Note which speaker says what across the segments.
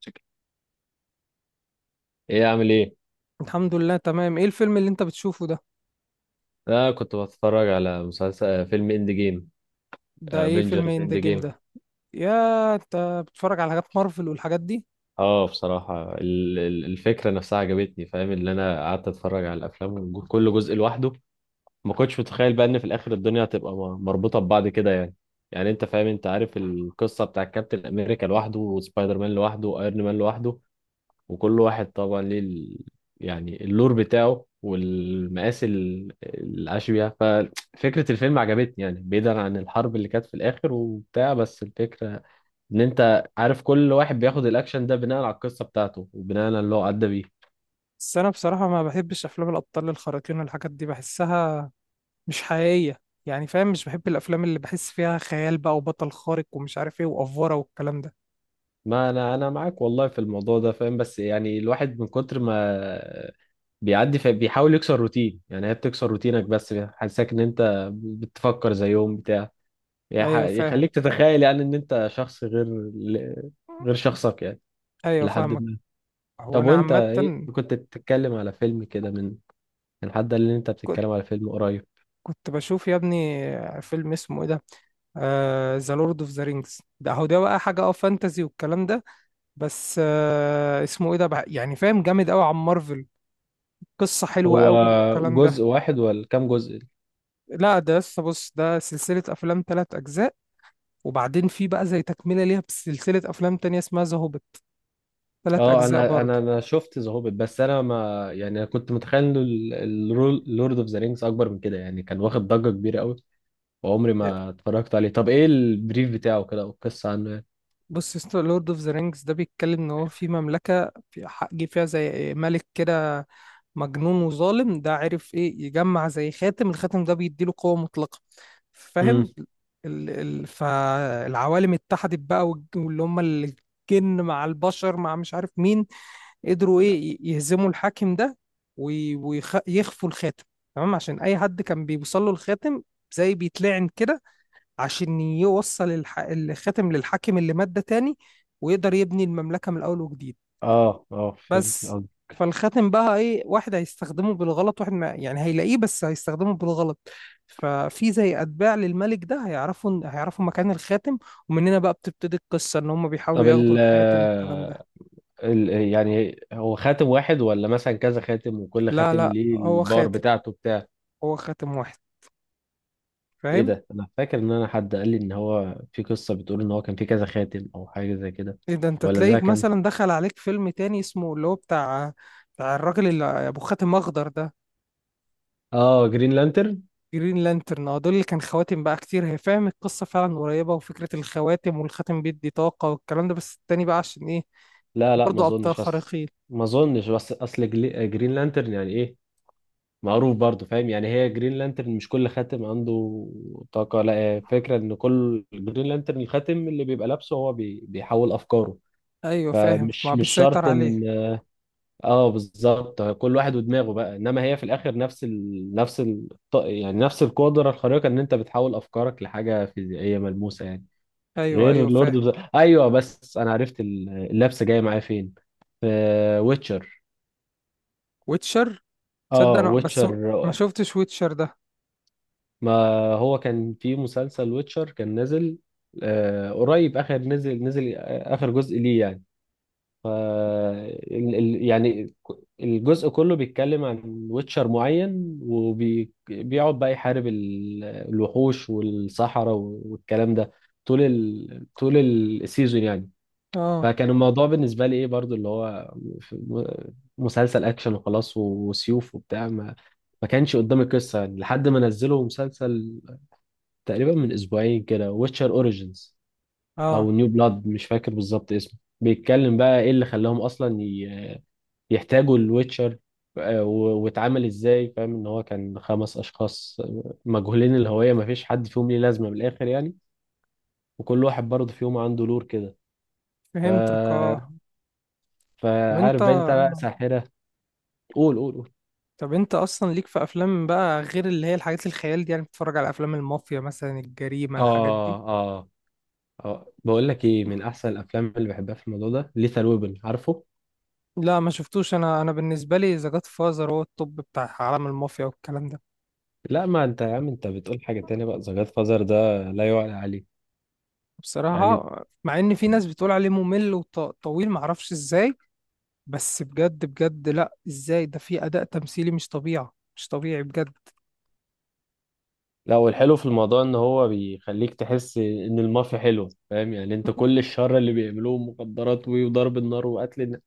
Speaker 1: شكل. ايه عامل ايه؟
Speaker 2: الحمد لله، تمام. ايه الفيلم اللي انت بتشوفه ده؟
Speaker 1: انا كنت بتفرج على مسلسل فيلم اند جيم.
Speaker 2: ده ايه فيلم
Speaker 1: افنجرز
Speaker 2: ان ذا
Speaker 1: اند
Speaker 2: جيم
Speaker 1: جيم.
Speaker 2: ده؟ يا انت بتتفرج على حاجات مارفل والحاجات دي؟
Speaker 1: اه بصراحة الفكرة نفسها عجبتني، فاهم؟ اللي انا قعدت اتفرج على الافلام، كل جزء لوحده. ما كنتش متخيل بقى ان في الاخر الدنيا هتبقى مربوطة ببعض كده يعني. يعني انت فاهم، انت عارف القصة بتاع كابتن امريكا لوحده وسبايدر مان لوحده وايرون مان لوحده، وكل واحد طبعا ليه ال... يعني اللور بتاعه والمقاس العاش بيها. ففكرة الفيلم عجبتني يعني، بعيدا عن الحرب اللي كانت في الآخر وبتاع، بس الفكرة إن أنت عارف كل واحد بياخد الأكشن ده بناء على القصة بتاعته وبناء على اللي هو عدى بيه.
Speaker 2: بس انا بصراحة ما بحبش افلام الابطال الخارقين والحاجات دي، بحسها مش حقيقية. يعني فاهم؟ مش بحب الافلام اللي بحس فيها خيال بقى وبطل خارق ومش عارف ايه وافورة والكلام ده.
Speaker 1: ما أنا معاك والله في الموضوع ده، فاهم؟ بس يعني الواحد من كتر ما بيعدي فبيحاول يكسر روتين. يعني هي بتكسر روتينك، بس حاسسك إن أنت بتفكر زيهم بتاع،
Speaker 2: ايوه فاهم.
Speaker 1: يخليك تتخيل يعني ان انت شخص غير، ل- غير شخصك يعني.
Speaker 2: ايوه
Speaker 1: لحد
Speaker 2: فاهمك.
Speaker 1: ما
Speaker 2: هو
Speaker 1: طب
Speaker 2: انا
Speaker 1: وانت
Speaker 2: عامة
Speaker 1: ايه كنت بتتكلم على فيلم كده، من حد قال لي ان انت
Speaker 2: كنت
Speaker 1: بتتكلم على فيلم قريب.
Speaker 2: كنت بشوف يا ابني فيلم اسمه ايه ده، ذا لورد اوف ذا رينجز ده. هو ده بقى حاجة، اه، فانتزي والكلام ده. بس اسمه ايه ده بقى؟ يعني فاهم، جامد قوي عن مارفل. قصة حلوة
Speaker 1: هو
Speaker 2: قوي والكلام
Speaker 1: جزء
Speaker 2: ده.
Speaker 1: واحد ولا كام جزء؟
Speaker 2: لا، ده لسه، بص، ده سلسلة أفلام تلات أجزاء، وبعدين في بقى زي تكملة ليها بسلسلة أفلام تانية اسمها ذا هوبيت، تلات
Speaker 1: اه
Speaker 2: أجزاء
Speaker 1: انا انا
Speaker 2: برضه.
Speaker 1: انا شفت ذا هوبيت، بس انا ما يعني انا كنت متخيل انه لورد اوف ذا رينجز اكبر من كده يعني. كان واخد ضجة كبيرة قوي وعمري ما اتفرجت عليه. طب ايه البريف بتاعه كده او القصة عنه يعني؟
Speaker 2: بص يا اسطى، لورد اوف ذا رينجز ده بيتكلم ان هو في مملكه في جه فيها زي ملك كده مجنون وظالم، ده عرف ايه يجمع زي خاتم، الخاتم ده بيديله قوه مطلقه.
Speaker 1: امم.
Speaker 2: فاهم؟ فالعوالم اتحدت بقى، واللي هم الجن مع البشر مع مش عارف مين، قدروا ايه يهزموا الحاكم ده، ويخفوا يخفوا الخاتم. تمام؟ عشان اي حد كان بيوصل له الخاتم زي بيتلعن كده، عشان يوصل الخاتم للحاكم اللي مات ده تاني، ويقدر يبني المملكة من الأول وجديد.
Speaker 1: اه اه فهمت
Speaker 2: بس
Speaker 1: قصدك.
Speaker 2: فالخاتم بقى، إيه، واحد هيستخدمه بالغلط، واحد ما يعني هيلاقيه بس هيستخدمه بالغلط. ففي زي أتباع للملك ده هيعرفوا مكان الخاتم، ومن هنا بقى بتبتدي القصة إن هم بيحاولوا
Speaker 1: طب
Speaker 2: ياخدوا الحاتم والكلام ده.
Speaker 1: يعني هو خاتم واحد ولا مثلا كذا خاتم وكل
Speaker 2: لا
Speaker 1: خاتم
Speaker 2: لا
Speaker 1: ليه
Speaker 2: هو
Speaker 1: الباور
Speaker 2: خاتم،
Speaker 1: بتاعته بتاع؟
Speaker 2: هو خاتم واحد.
Speaker 1: ايه
Speaker 2: فاهم؟
Speaker 1: ده، انا فاكر ان انا حد قال لي ان هو في قصة بتقول ان هو كان في كذا خاتم او حاجة زي كده.
Speaker 2: إيه ده، أنت
Speaker 1: ولا ده
Speaker 2: تلاقيك
Speaker 1: كان
Speaker 2: مثلا دخل عليك فيلم تاني اسمه اللي هو بتاع، بتاع الراجل اللي أبو خاتم أخضر ده.
Speaker 1: اه جرين لانترن.
Speaker 2: جرين لانترن، اه، دول اللي كان خواتم بقى كتير. هي فاهم، القصة فعلا قريبة، وفكرة الخواتم والخاتم بيدي طاقة والكلام ده. بس التاني بقى عشان ايه؟
Speaker 1: لا لا ما
Speaker 2: برضه أبطال
Speaker 1: اظنش، بس
Speaker 2: خارقين.
Speaker 1: ما اظنش، بس اصل جرين لانترن يعني، ايه معروف برضه، فاهم؟ يعني هي جرين لانترن مش كل خاتم عنده طاقة. لا، هي فكرة ان كل جرين لانترن الخاتم اللي بيبقى لابسه هو بيحول افكاره.
Speaker 2: أيوة فاهم،
Speaker 1: فمش
Speaker 2: ما
Speaker 1: مش
Speaker 2: بيسيطر
Speaker 1: شرط
Speaker 2: عليه.
Speaker 1: ان، اه بالظبط كل واحد ودماغه بقى. انما هي في الاخر نفس يعني نفس القدره الخارقه، ان انت بتحول افكارك لحاجه فيزيائيه ملموسه يعني.
Speaker 2: أيوة
Speaker 1: غير
Speaker 2: أيوة
Speaker 1: لورد
Speaker 2: فاهم.
Speaker 1: اوف ذا، ايوه بس انا عرفت اللبسه جايه معايا فين، في ويتشر.
Speaker 2: ويتشر. تصدق
Speaker 1: اه
Speaker 2: أنا بس
Speaker 1: ويتشر.
Speaker 2: ما شفتش ويتشر ده.
Speaker 1: ما هو كان في مسلسل ويتشر كان نازل، قريب اخر، نزل اخر جزء ليه يعني. ف يعني الجزء كله بيتكلم عن ويتشر معين وبيقعد بقى يحارب الوحوش والصحراء والكلام ده، طول طول السيزون يعني.
Speaker 2: اه
Speaker 1: فكان الموضوع بالنسبة لي ايه برضو، اللي هو ف- م- مسلسل اكشن وخلاص، وسيوف وبتاع، ما كانش قدامي قصة يعني. لحد ما نزلوا مسلسل تقريبا من اسبوعين كده، ويتشر اوريجينز
Speaker 2: اه
Speaker 1: او نيو بلاد، مش فاكر بالظبط اسمه، بيتكلم بقى ايه اللي خلاهم اصلا يحتاجوا الويتشر واتعامل ازاي. فاهم ان هو كان خمس اشخاص مجهولين الهوية، ما فيش حد فيهم ليه لازمة من الاخر يعني، وكل واحد برضه فيهم عنده لور كده. ف
Speaker 2: فهمتك، اه. طب
Speaker 1: فعارف
Speaker 2: انت،
Speaker 1: بقى انت بقى ساحرة. قول قول قول.
Speaker 2: طب انت اصلا ليك في افلام بقى غير اللي هي الحاجات الخيال دي؟ يعني بتتفرج على افلام المافيا مثلا، الجريمة، الحاجات دي؟
Speaker 1: اه اه اه بقول لك ايه، من احسن الافلام اللي بحبها في الموضوع ده ليثال ويبن، عارفه؟
Speaker 2: لا ما شفتوش. انا بالنسبة لي ذا جاد فازر هو التوب بتاع عالم المافيا والكلام ده.
Speaker 1: لا ما انت يا عم انت بتقول حاجة تانية بقى، ذا جاد فازر ده لا يعلى عليه يعني.
Speaker 2: بصراحة مع ان في ناس بتقول عليه ممل وطويل، معرفش ازاي، بس بجد بجد، لا ازاي، ده في اداء تمثيلي مش طبيعي، مش طبيعي بجد.
Speaker 1: لا، والحلو في الموضوع ان هو بيخليك تحس ان المافيا حلوه، فاهم؟ يعني انت كل الشر اللي بيعملوه، مخدرات وضرب النار وقتل الناس،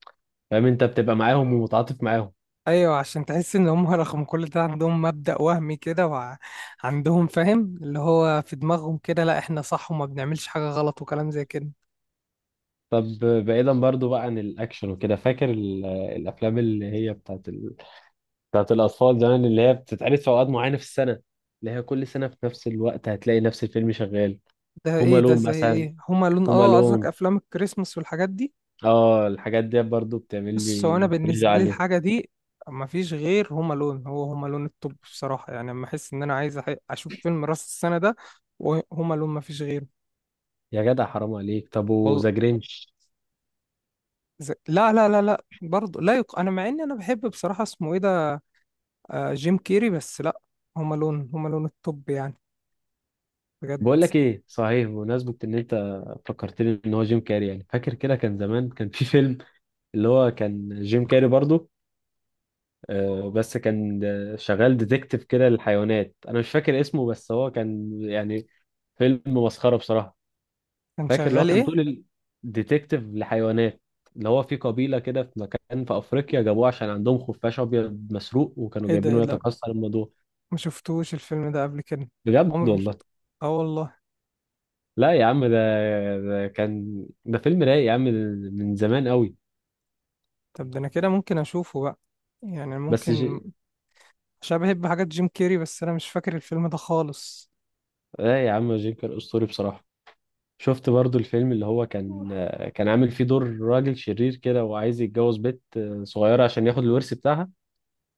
Speaker 1: فاهم، انت بتبقى معاهم ومتعاطف معاهم.
Speaker 2: ايوه عشان تحس ان هم رغم كل ده عندهم مبدأ وهمي كده، وعندهم فاهم اللي هو في دماغهم كده، لا احنا صح وما بنعملش حاجة غلط وكلام زي كده.
Speaker 1: طب بعيدا برضو بقى عن الاكشن وكده، فاكر الافلام اللي هي بتاعت الاطفال زمان، اللي هي بتتعرض في اوقات معينه في السنه، اللي هي كل سنه في نفس الوقت هتلاقي نفس الفيلم شغال؟
Speaker 2: ده
Speaker 1: هوم
Speaker 2: ايه ده،
Speaker 1: الون
Speaker 2: زي
Speaker 1: مثلا.
Speaker 2: ايه؟ هما لون،
Speaker 1: هوم
Speaker 2: اه، قصدك
Speaker 1: الون،
Speaker 2: افلام الكريسماس والحاجات دي.
Speaker 1: اه الحاجات دي برضو بتعمل
Speaker 2: بص هو
Speaker 1: لي
Speaker 2: انا
Speaker 1: نوستالجيا
Speaker 2: بالنسبه لي
Speaker 1: عليها.
Speaker 2: الحاجه دي، ما فيش غير هوم الون. هو هوم الون التوب بصراحه، يعني لما احس ان انا عايز اشوف فيلم راس السنه ده، وهوم الون ما فيش غيره.
Speaker 1: يا جدع حرام عليك، طب
Speaker 2: وال-
Speaker 1: وذا جرينش؟
Speaker 2: لا لا لا لا برضه، لا انا مع اني انا بحب بصراحه اسمه ايه ده، آه، جيم كيري، بس لا، هوم الون، هوم الون التوب يعني، بجد.
Speaker 1: بقول لك ايه صحيح، بمناسبة ان انت فكرتني ان هو جيم كاري، يعني فاكر كده كان زمان كان في فيلم اللي هو كان جيم كاري برضو، بس كان شغال ديتكتيف كده للحيوانات، انا مش فاكر اسمه، بس هو كان يعني فيلم مسخرة بصراحة.
Speaker 2: كان
Speaker 1: فاكر اللي هو
Speaker 2: شغال
Speaker 1: كان
Speaker 2: ايه؟
Speaker 1: طول، الديتكتيف لحيوانات اللي هو في قبيلة كده في مكان في افريقيا، جابوه عشان عندهم خفاش ابيض مسروق وكانوا
Speaker 2: ايه ده، ايه
Speaker 1: جايبينه
Speaker 2: ده،
Speaker 1: يتكسر الموضوع.
Speaker 2: ما شفتوش الفيلم ده قبل كده.
Speaker 1: بجد
Speaker 2: عمري مش،
Speaker 1: والله.
Speaker 2: اه والله.
Speaker 1: لا يا عم، ده كان ده فيلم رايق يا عم، من زمان قوي،
Speaker 2: طب ده انا كده ممكن اشوفه بقى، يعني
Speaker 1: بس
Speaker 2: ممكن، عشان بحب حاجات جيم كيري، بس انا مش فاكر الفيلم ده خالص.
Speaker 1: اه يا عم جينكر اسطوري بصراحه. شفت برضو الفيلم اللي هو كان كان عامل فيه دور راجل شرير كده وعايز يتجوز بنت صغيره عشان ياخد الورث بتاعها؟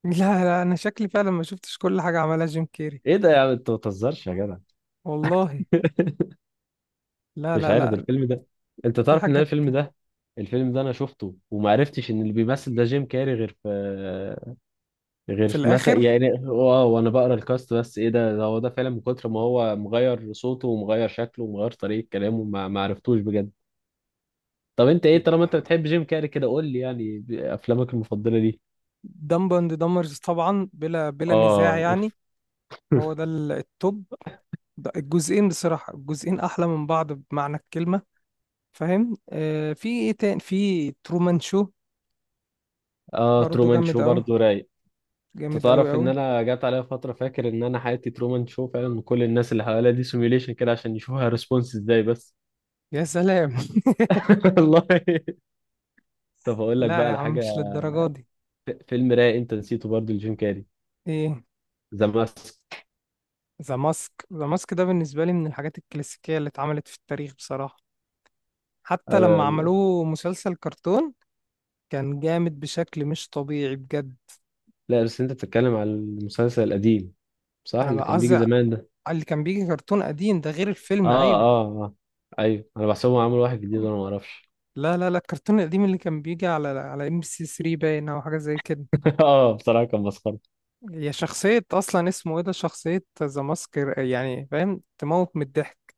Speaker 2: لا لا، انا شكلي فعلا ما شفتش كل حاجه عملها جيم كيري.
Speaker 1: ايه ده يا عم، انت ما بتهزرش يا جدع.
Speaker 2: والله، لا
Speaker 1: مش
Speaker 2: لا
Speaker 1: عارف ده،
Speaker 2: لا.
Speaker 1: الفيلم ده، انت
Speaker 2: في
Speaker 1: تعرف ان أنا
Speaker 2: حاجات.
Speaker 1: الفيلم ده، الفيلم ده انا شفته وما عرفتش ان اللي بيمثل ده جيم كاري، غير في غير
Speaker 2: في
Speaker 1: في مثلا
Speaker 2: الاخر
Speaker 1: يعني، واو، وانا بقرا الكاست. بس ايه ده، ده هو ده فعلا من كتر ما هو مغير صوته ومغير شكله ومغير طريقه كلامه، ما عرفتوش بجد. طب انت ايه، طالما انت بتحب جيم كاري كده قول لي يعني افلامك المفضله ليه.
Speaker 2: دمب اند دمرز طبعا بلا بلا
Speaker 1: اه،
Speaker 2: نزاع يعني.
Speaker 1: اوف.
Speaker 2: هو ده التوب. ده الجزئين بصراحه، الجزئين احلى من بعض بمعنى الكلمه. فاهم؟ آه في ايه تاني، في ترومان شو.
Speaker 1: اه
Speaker 2: برضه
Speaker 1: ترومان
Speaker 2: جامد
Speaker 1: شو
Speaker 2: قوي،
Speaker 1: برضه رايق. انت
Speaker 2: جامد قوي
Speaker 1: تعرف ان
Speaker 2: قوي.
Speaker 1: انا جات عليا فتره فاكر ان انا حياتي ترومان شو فعلا، من كل الناس اللي حواليا دي سيميوليشن كده عشان يشوفها ريسبونس ازاي بس.
Speaker 2: يا سلام
Speaker 1: والله. طب اقول لك
Speaker 2: لا
Speaker 1: بقى
Speaker 2: يا
Speaker 1: على
Speaker 2: عم
Speaker 1: حاجه،
Speaker 2: مش للدرجه دي.
Speaker 1: فيلم رايق انت نسيته برضه لجيم كاري،
Speaker 2: ايه؟
Speaker 1: ذا ماسك.
Speaker 2: ذا ماسك. ذا ماسك ده بالنسبة لي من الحاجات الكلاسيكية اللي اتعملت في التاريخ بصراحة. حتى لما
Speaker 1: آه
Speaker 2: عملوه مسلسل كرتون كان جامد بشكل مش طبيعي بجد.
Speaker 1: لا بس انت بتتكلم على المسلسل القديم، صح؟
Speaker 2: انا
Speaker 1: اللي
Speaker 2: بقى
Speaker 1: كان بيجي
Speaker 2: قصدي على
Speaker 1: زمان ده.
Speaker 2: اللي كان بيجي كرتون قديم ده، غير الفيلم،
Speaker 1: اه
Speaker 2: ايوه.
Speaker 1: اه اه، ايوه انا بحسبهم عملوا واحد جديد وانا ما اعرفش.
Speaker 2: لا لا لا، الكرتون القديم اللي كان بيجي على ام بي سي 3 باين او حاجة زي كده.
Speaker 1: اه بصراحه كان مسخره.
Speaker 2: هي شخصية اصلا اسمه ايه ده، شخصية ذا ماسك يعني فاهم، تموت من الضحك.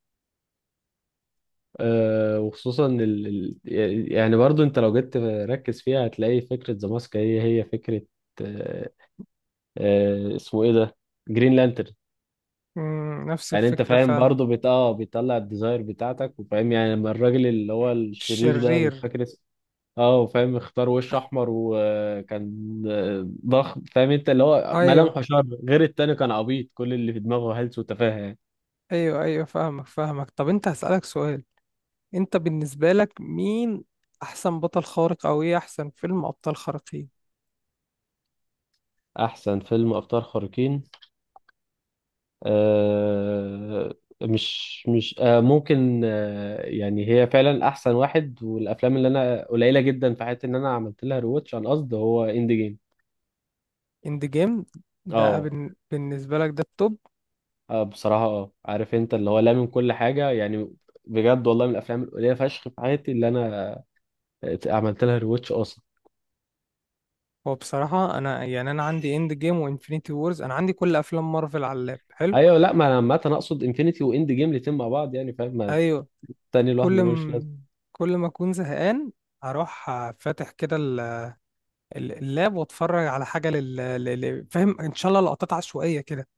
Speaker 1: وخصوصا يعني برضو انت لو جيت ركز فيها هتلاقي فكرة ذا ماسك هي هي فكرة آه، اسمه ايه ده، جرين لانترن.
Speaker 2: مم، نفس
Speaker 1: يعني انت
Speaker 2: الفكرة
Speaker 1: فاهم
Speaker 2: فعلا.
Speaker 1: برضو بت... اه بيطلع الديزاير بتاعتك، وفاهم يعني لما الراجل اللي هو الشرير ده، انا مش
Speaker 2: الشرير.
Speaker 1: فاكر اسمه، اه وفاهم اختار وش احمر وكان ضخم، فاهم انت؟ اللي هو ملامحه
Speaker 2: ايوه
Speaker 1: شر، غير التاني كان عبيط، كل اللي في دماغه هلس وتفاهه يعني.
Speaker 2: ايوه، ايوه فاهمك فاهمك. طب انت هسألك سؤال، انت بالنسبة لك مين احسن بطل خارق؟ او ايه احسن فيلم ابطال خارقين؟
Speaker 1: احسن فيلم ابطال خارقين آه، مش ممكن يعني، هي فعلا احسن واحد، والافلام اللي انا قليله جدا في حياتي ان انا عملت لها رواتش عن قصد هو اند جيم.
Speaker 2: اند جيم. ده
Speaker 1: اه.
Speaker 2: بالنسبة لك ده التوب.
Speaker 1: بصراحه اه، عارف انت اللي هو لا من كل حاجه يعني، بجد والله من الافلام القليله فشخ في حياتي اللي انا عملت لها رواتش اصلا.
Speaker 2: هو بصراحة انا يعني انا عندي اند جيم وانفينيتي وورز، انا عندي كل افلام مارفل على اللاب، حلو.
Speaker 1: ايوه لا، ما انا عامه اقصد انفينيتي واند جيم الاتنين مع بعض يعني، فاهم؟ ما
Speaker 2: ايوه.
Speaker 1: التاني لوحده
Speaker 2: كل
Speaker 1: ملوش لازمه.
Speaker 2: م... كل ما اكون زهقان اروح فاتح كده اللاب، واتفرج على حاجة فاهم ان شاء الله لقطات عشوائية كده.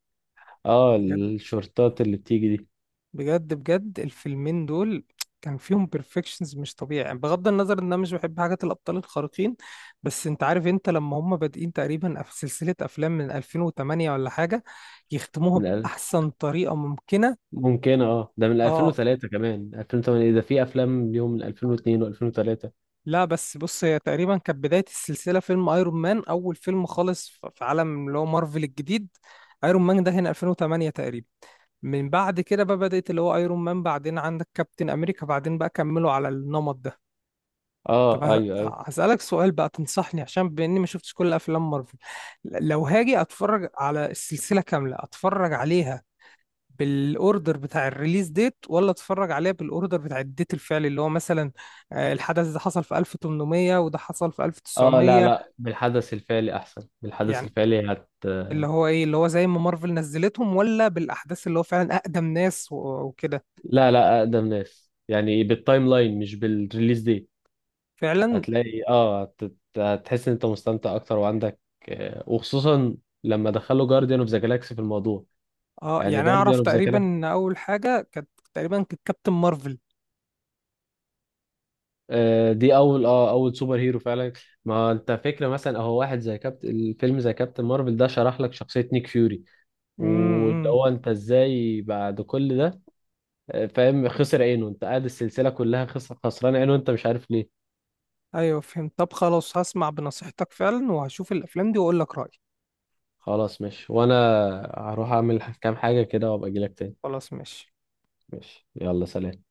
Speaker 1: اه
Speaker 2: بجد،
Speaker 1: الشورتات اللي بتيجي دي.
Speaker 2: بجد بجد. الفيلمين دول كان فيهم بيرفكشنز مش طبيعي يعني، بغض النظر ان انا مش بحب حاجات الابطال الخارقين. بس انت عارف انت لما هم بادئين تقريبا في سلسله افلام من 2008 ولا حاجه، يختموها
Speaker 1: من،
Speaker 2: باحسن طريقه ممكنه.
Speaker 1: ممكن اه ده من
Speaker 2: اه
Speaker 1: 2003، كمان 2008 ده، في افلام ليهم من 2002 و2003.
Speaker 2: لا، بس بص، هي تقريبا كانت بدايه السلسله فيلم ايرون مان، اول فيلم خالص في عالم اللي هو مارفل الجديد. ايرون مان ده هنا 2008 تقريبا، من بعد كده بقى بدات اللي هو ايرون مان، بعدين عندك كابتن امريكا، بعدين بقى كملوا على النمط ده. طب
Speaker 1: اه ايوه ايوه.
Speaker 2: هسألك سؤال بقى، تنصحني عشان بإني ما شفتش كل أفلام مارفل، لو هاجي أتفرج على السلسلة كاملة، أتفرج عليها بالأوردر بتاع الريليز ديت ولا أتفرج عليها بالأوردر بتاع الديت الفعلي، اللي هو مثلا الحدث ده حصل في 1800 وده حصل في
Speaker 1: اه لا
Speaker 2: 1900،
Speaker 1: لا، بالحدث الفعلي احسن، بالحدث
Speaker 2: يعني
Speaker 1: الفعلي هت،
Speaker 2: اللي هو إيه، اللي هو زي ما مارفل نزلتهم، ولا بالأحداث اللي هو فعلا أقدم ناس وكده.
Speaker 1: لا لا اقدم ناس يعني، بالتايم لاين مش بالريليز دي.
Speaker 2: فعلا.
Speaker 1: هتلاقي اه هتحس ان انت مستمتع اكتر وعندك وخصوصا لما دخلوا جارديان اوف ذا جالاكسي في الموضوع.
Speaker 2: اه
Speaker 1: يعني
Speaker 2: يعني أنا
Speaker 1: جارديان
Speaker 2: أعرف
Speaker 1: اوف ذا
Speaker 2: تقريبا إن أول حاجة كانت تقريبا كانت كابتن مارفل.
Speaker 1: دي اول اول سوبر هيرو فعلا. ما انت فكره مثلا اهو واحد زي الفيلم زي كابتن مارفل ده شرح لك شخصيه نيك فيوري،
Speaker 2: امم
Speaker 1: واللي
Speaker 2: امم.
Speaker 1: هو انت ازاي بعد كل ده فاهم خسر عينه، انت قاعد السلسله كلها خسران عينه انت مش عارف ليه.
Speaker 2: ايوه فهمت. طب خلاص هسمع بنصيحتك فعلا، وهشوف الافلام دي واقول لك رايي.
Speaker 1: خلاص ماشي، وانا هروح اعمل كام حاجه كده وابقى اجيلك تاني.
Speaker 2: خلاص ماشي.
Speaker 1: ماشي يلا، سلام.